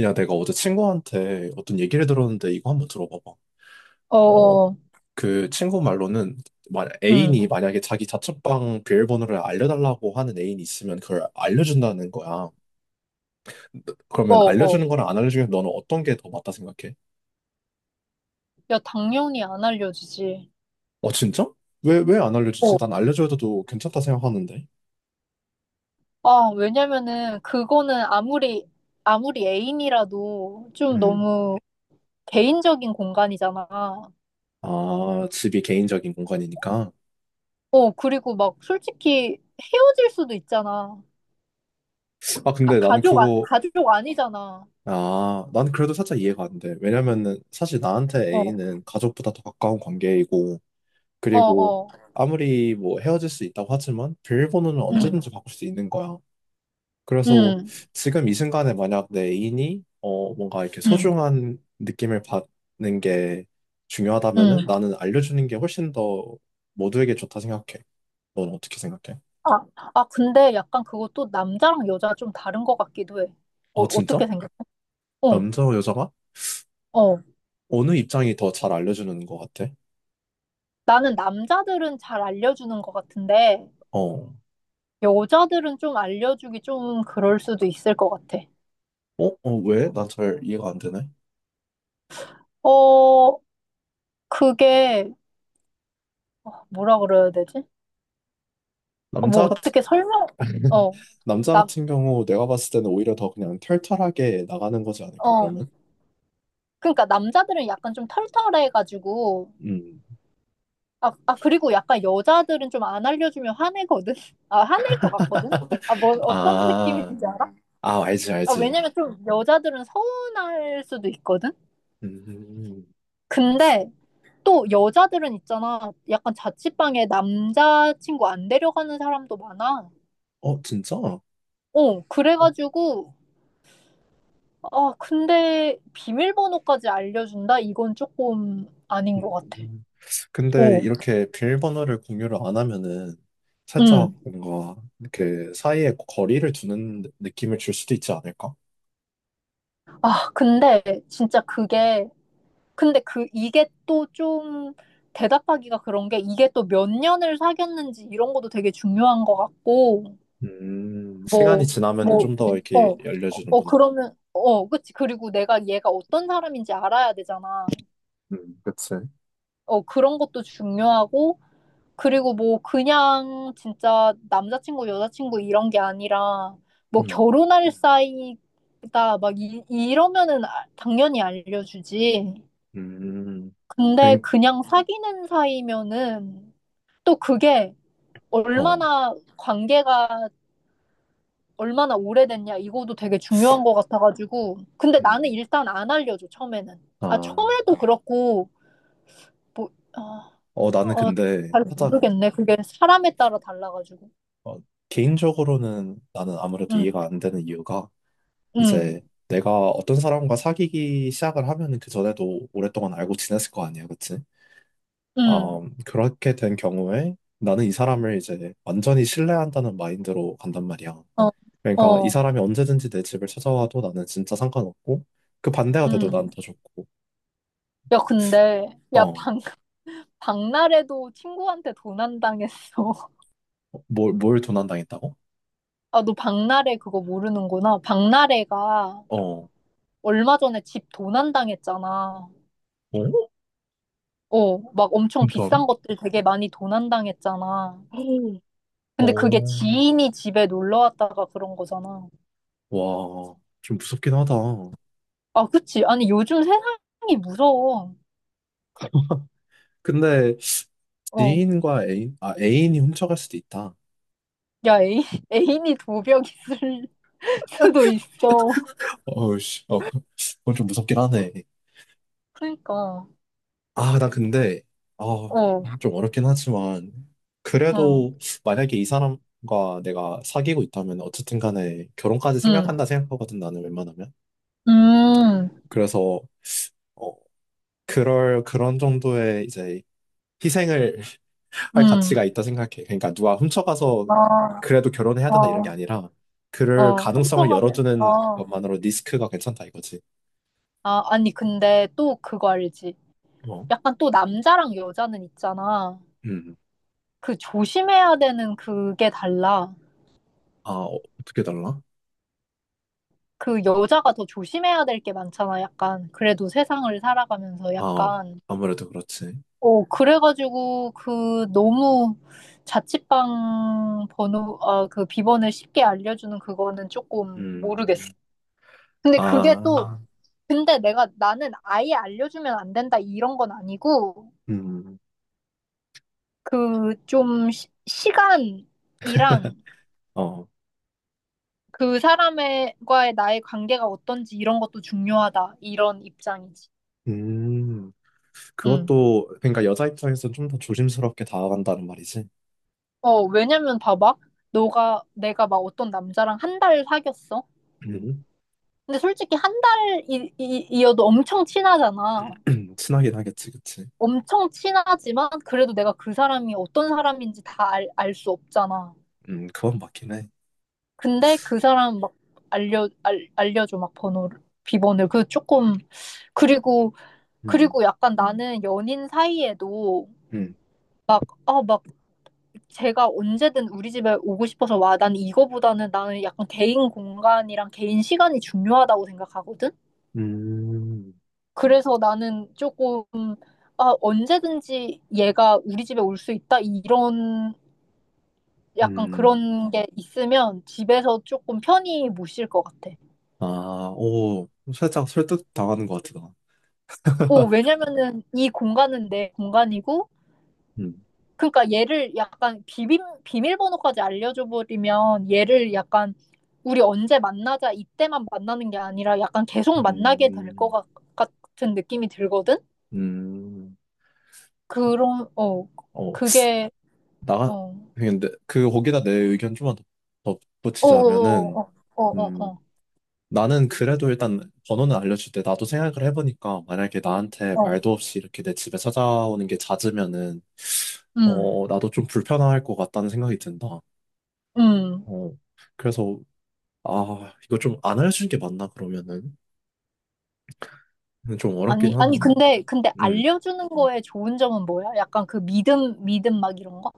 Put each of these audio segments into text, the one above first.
야, 내가 어제 친구한테 어떤 얘기를 들었는데 이거 한번 들어봐봐. 어, 어어, 그 친구 말로는 만 애인이 응, 만약에 자기 자취방 비밀번호를 알려달라고 하는 애인이 있으면 그걸 알려준다는 거야. 그러면 어어. 알려주는 거랑 안 알려주면 너는 어떤 게 더 맞다 생각해? 야, 당연히 안 알려주지. 어, 진짜? 왜 안 알려주지? 어, 난 알려줘도 괜찮다 생각하는데. 아, 왜냐면은 그거는 아무리 애인이라도 좀 음. 너무 개인적인 공간이잖아. 아, 집이 개인적인 공간이니까. 어, 그리고 막 솔직히 헤어질 수도 있잖아. 아, 근데 나는 그거, 가족 아니잖아. 아, 난 그래도 살짝 이해가 안 돼. 왜냐면은 사실 나한테 어, 애인은 가족보다 더 가까운 관계이고, 어, 그리고 어, 아무리 뭐 헤어질 수 있다고 하지만 비밀번호는 응, 언제든지 바꿀 수 있는 거야. 그래서 응, 지금 이 순간에 만약 내 애인이 뭔가 이렇게 응, 소중한 느낌을 받는 게 응. 중요하다면은 나는 알려주는 게 훨씬 더 모두에게 좋다 생각해. 넌 어떻게 생각해? 아, 아, 근데 약간 그것도 남자랑 여자 좀 다른 것 같기도 해. 어, 아 어떻게 진짜? 생각해? 어, 남자와 여자가 어. 어느 입장이 더 잘 알려주는 것 같아? 나는 남자들은 잘 알려주는 것 같은데, 어, 여자들은 좀 알려주기 좀 그럴 수도 있을 것 같아. 어, 왜? 난 잘 이해가 안 되네. 어, 그게, 어, 뭐라 그래야 되지? 어, 뭐 남자 같은 어떻게 설명, 어, 남자 남, 같은 경우 내가 봤을 때는 오히려 더 그냥 털털하게 나가는 거지 않을까, 어. 그러면? 그러니까 남자들은 약간 좀 털털해가지고, 음. 아, 그리고 약간 여자들은 좀 안 알려주면 화내거든? 아, 화낼 것 같거든? 아, 뭐, 어떤 아, 느낌인지 알아? 알지, 아, 알지. 왜냐면 좀 여자들은 서운할 수도 있거든? 음. 근데, 또 여자들은 있잖아. 약간 자취방에 남자친구 안 데려가는 사람도 많아. 어, 진짜? 어, 그래가지고, 아, 근데 비밀번호까지 알려준다? 이건 조금 아닌 것 같아. 음. 근데 어, 이렇게 비밀번호를 공유를 안 하면은 살짝 응. 뭔가 이렇게 사이에 거리를 두는 느낌을 줄 수도 있지 않을까? 아, 근데 진짜 그게, 근데 그, 이게 또 좀 대답하기가 그런 게 이게 또 몇 년을 사귀었는지 이런 것도 되게 중요한 것 같고, 시간이 뭐, 지나면은 뭐, 좀 더 이렇게 어, 어, 열려주는구나. 그러면, 어, 그치. 그리고 내가 얘가 어떤 사람인지 알아야 되잖아. 그치. 어, 그런 것도 중요하고, 그리고 뭐, 그냥 진짜 남자친구, 여자친구 이런 게 아니라, 뭐, 음, 결혼할 사이다, 막, 이, 이러면은 당연히 알려주지. 음, 근데 뱅, 그냥 사귀는 사이면은, 또 그게 어, 얼마나 관계가 얼마나 오래됐냐, 이것도 되게 중요한 것 같아가지고. 근데 나는 음, 일단 안 알려줘, 처음에는. 아, 아. 처음에도 그렇고, 뭐, 아, 어, 나는 어, 근데 잘 하다가 모르겠네. 그게 사람에 따라 달라가지고. 어, 개인적으로는 나는 아무래도 응, 이해가 안 되는 이유가 응, 이제 내가 어떤 사람과 사귀기 시작을 하면은 그 전에도 오랫동안 알고 지냈을 거 아니야, 그치? 응. 그렇게 된 경우에 나는 이 사람을 이제 완전히 신뢰한다는 마인드로 간단 말이야. 어, 그러니까 이 어, 사람이 언제든지 내 집을 찾아와도 나는 진짜 상관없고 그 반대가 돼도 응. 난 더 좋고 야, 근데, 야, 어, 방 박나래도 친구한테 도난당했어. 뭘 도난당했다고? 아, 너 박나래 그거 모르는구나. 박나래가 어, 어? 얼마 전에 집 도난당했잖아. 어, 막 엄청 진짜로? 비싼 것들 되게 많이 도난당했잖아. 근데 그게 어. 지인이 집에 놀러 왔다가 그런 거잖아. 와, 좀 무섭긴 하다. 아, 그치. 아니, 요즘 세상이 무서워. 근데 어. 지인과 애인, 아, 애인이 훔쳐갈 수도 있다. 야, 애인, 애인이 도벽 있을 수도 있어. 어우, 씨, 어, 그- 그건 좀 무섭긴 하네. 그러니까, 아, 나 근데, 아, 어, 좀 어렵긴 하지만, 응, 그래도 만약에 이 사람과 내가 사귀고 있다면 어쨌든 간에 결혼까지 응, 생각한다 생각하거든, 나는 웬만하면. 음, 그래서, 어, 그럴, 그런 정도의 이제 희생을 할 음, 가치가 있다 생각해. 그러니까 누가 훔쳐가서 아, 그래도 결혼해야 된다 이런 어, 게 아니라 그럴 어, 가능성을 훔쳐가면, 열어두는 것만으로 리스크가 괜찮다 이거지. 아니, 근데 또 그거 알지? 어. 약간 또 남자랑 여자는 있잖아. 음. 그 조심해야 되는 그게 달라. 아, 어, 어떻게 달라? 그 여자가 더 조심해야 될 게 많잖아, 약간. 그래도 세상을 살아가면서 아, 약간. 아무래도 그렇지. 어, 그래가지고, 그, 너무 자취방 번호, 아, 그 비번을 쉽게 알려주는 그거는 조금 모르겠어. 음. 근데 그게 또, 아, 아, 근데 내가, 나는 아예 알려주면 안 된다, 이런 건 아니고, 음. 그, 좀, 시간이랑 어. 그 사람과의 나의 관계가 어떤지 이런 것도 중요하다, 이런 입장이지. 음. 응. 그것도 그러니까 여자 입장에서는 좀 더 조심스럽게 다가간다는 말이지. 어, 왜냐면 봐봐. 너가, 내가 막 어떤 남자랑 한 달 사귀었어. 음. 근데 솔직히 한 달이어도 엄청 친하잖아. 친하긴 하겠지, 그치? 엄청 친하지만 그래도 내가 그 사람이 어떤 사람인지 다 알, 알 수 없잖아. 그건 맞긴 해. 근데 그 사람 막 알려줘, 막 번호를, 비번을. 그 조금, 그리고, 음. 그리고 약간 나는 연인 사이에도 음. 막, 아, 막 제가 언제든 우리 집에 오고 싶어서 와. 난 이거보다는 나는 약간 개인 공간이랑 개인 시간이 중요하다고 생각하거든? 음. 그래서 나는 조금, 아, 언제든지 얘가 우리 집에 올 수 있다? 이런, 약간 음. 그런 게 있으면 집에서 조금 편히 못 쉴 것 같아. 아, 오, 살짝 설득 당하는 것 같다. 오, 왜냐면은 이 공간은 내 공간이고, 음, 그러니까 얘를 약간 비밀번호까지 알려줘 버리면 얘를 약간 우리 언제 만나자 이때만 만나는 게 아니라 약간 계속 만나게 될 것 음, 같은 느낌이 들거든? 음, 그런, 어, 어, 그게, 나, 어, 근데 그, 거기다 내 의견 좀만 더, 더 붙이자면은, 어어어어어어. 음, 나는 그래도 일단 번호는 알려줄 때 나도 생각을 해보니까 만약에 나한테 어, 말도 없이 이렇게 내 집에 찾아오는 게 잦으면은, 음, 어, 나도 좀 불편할 것 같다는 생각이 든다. 음. 어, 그래서, 아, 이거 좀 안 알려주는 게 맞나, 그러면은? 좀 어렵긴 아니, 하네. 아니, 근데 음. 알려주는 거에 좋은 점은 뭐야? 약간 그 믿음, 믿음 막 이런 거?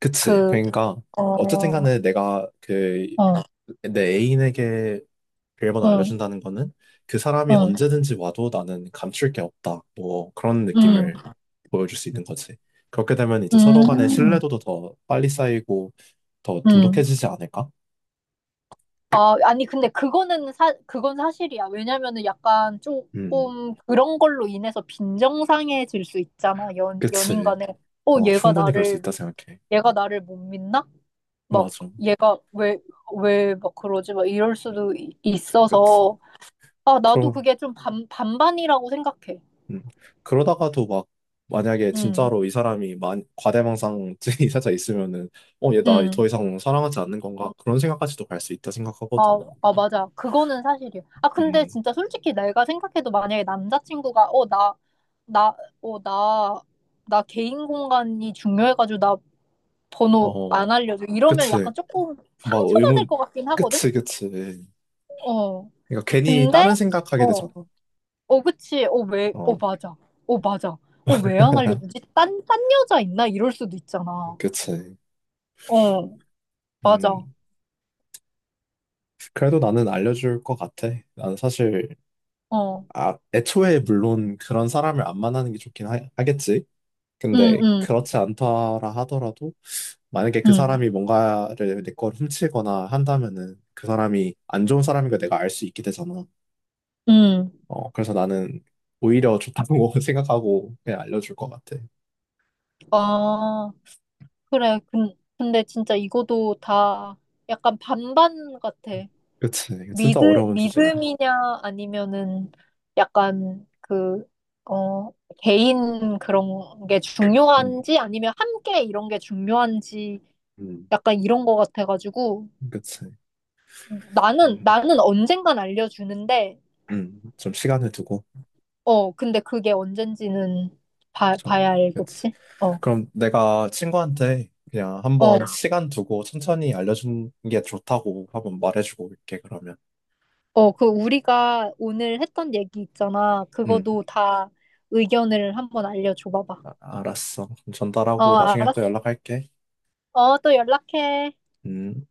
그치. 그, 그러니까 어, 어쨌든 어, 간에 내가 그 어, 내 애인에게 비밀번호 어, 알려준다는 거는 그 사람이 언제든지 와도 나는 감출 게 없다. 뭐 그런 음, 느낌을 보여줄 수 있는 거지. 그렇게 되면 이제 서로 간의 음, 신뢰도도 더 빨리 쌓이고 더 음. 돈독해지지 않을까? 아, 아니, 근데 그건 사실이야. 왜냐면은 약간 음, 조금 그런 걸로 인해서 빈정상해질 수 있잖아. 연인 그치. 간에. 어, 어, 충분히 그럴 수 있다 생각해. 얘가 나를 못 믿나? 막, 맞아. 얘가 왜 막 그러지? 막 이럴 수도 그치. 있어서. 아, 나도 그럼 그게 좀 반반이라고 생각해. 음. 그러다가도 막 만약에 응, 진짜로 이 사람이 만, 과대망상증이 살짝 있으면은 어, 얘 나 응. 더 이상 사랑하지 않는 건가? 그런 생각까지도 갈 수 있다 생각하거든 아, 나는. 맞아. 그거는 사실이야. 아, 근데 음, 진짜 솔직히 내가 생각해도 만약에 남자친구가, 어, 나, 어, 나, 나 개인 공간이 중요해가지고 나 번호 안 어, 알려줘. 이러면 그치. 약간 조금 막 상처받을 의문, 것 같긴 하거든? 그치. 그러니까 어. 괜히 다른 근데, 생각하게 되잖아. 어, 어, 그치. 어, 왜, 어, 어, 맞아. 어, 맞아. 어, 왜 안 알려주지? 딴 여자 있나? 이럴 수도 있잖아. 그치. 어, 맞아. 음, 그래도 나는 알려줄 것 같아. 나는 사실, 어. 아, 애초에 물론 그런 사람을 안 만나는 게 좋긴 하, 겠지 응, 근데 응. 그렇지 않더라 하더라도 만약에 그 응, 사람이 뭔가를 내 걸 훔치거나 한다면은 그 사람이 안 좋은 사람인 걸 내가 알 수 있게 되잖아. 응. 어, 그래서 나는 오히려 좋다고 생각하고 그냥 알려줄 것 같아. 아, 그래. 근데 진짜 이거도 다 약간 반반 같아. 그치. 이거 믿, 진짜 어려운 주제야. 믿음이냐, 아니면은 약간 그, 어, 개인 그런 게 음, 중요한지, 아니면 함께 이런 게 중요한지, 음, 약간 이런 거 같아가지고, 그치. 나는, 음, 나는 언젠간 알려주는데, 좀 시간을 두고. 어, 근데 그게 언젠지는 봐, 그쵸. 봐야 그치. 알겠지? 어, 그럼 내가 친구한테 그냥 한번 어. 시간 두고 천천히 알려주는 게 좋다고 한번 말해주고 올게, 그러면. 어, 그 우리가 오늘 했던 얘기 있잖아. 음, 그거도 다 의견을 한번 알려줘 봐봐. 아- 알았어. 그럼 어, 전달하고 나중에 또 알았어. 연락할게. 어, 또 연락해. 음.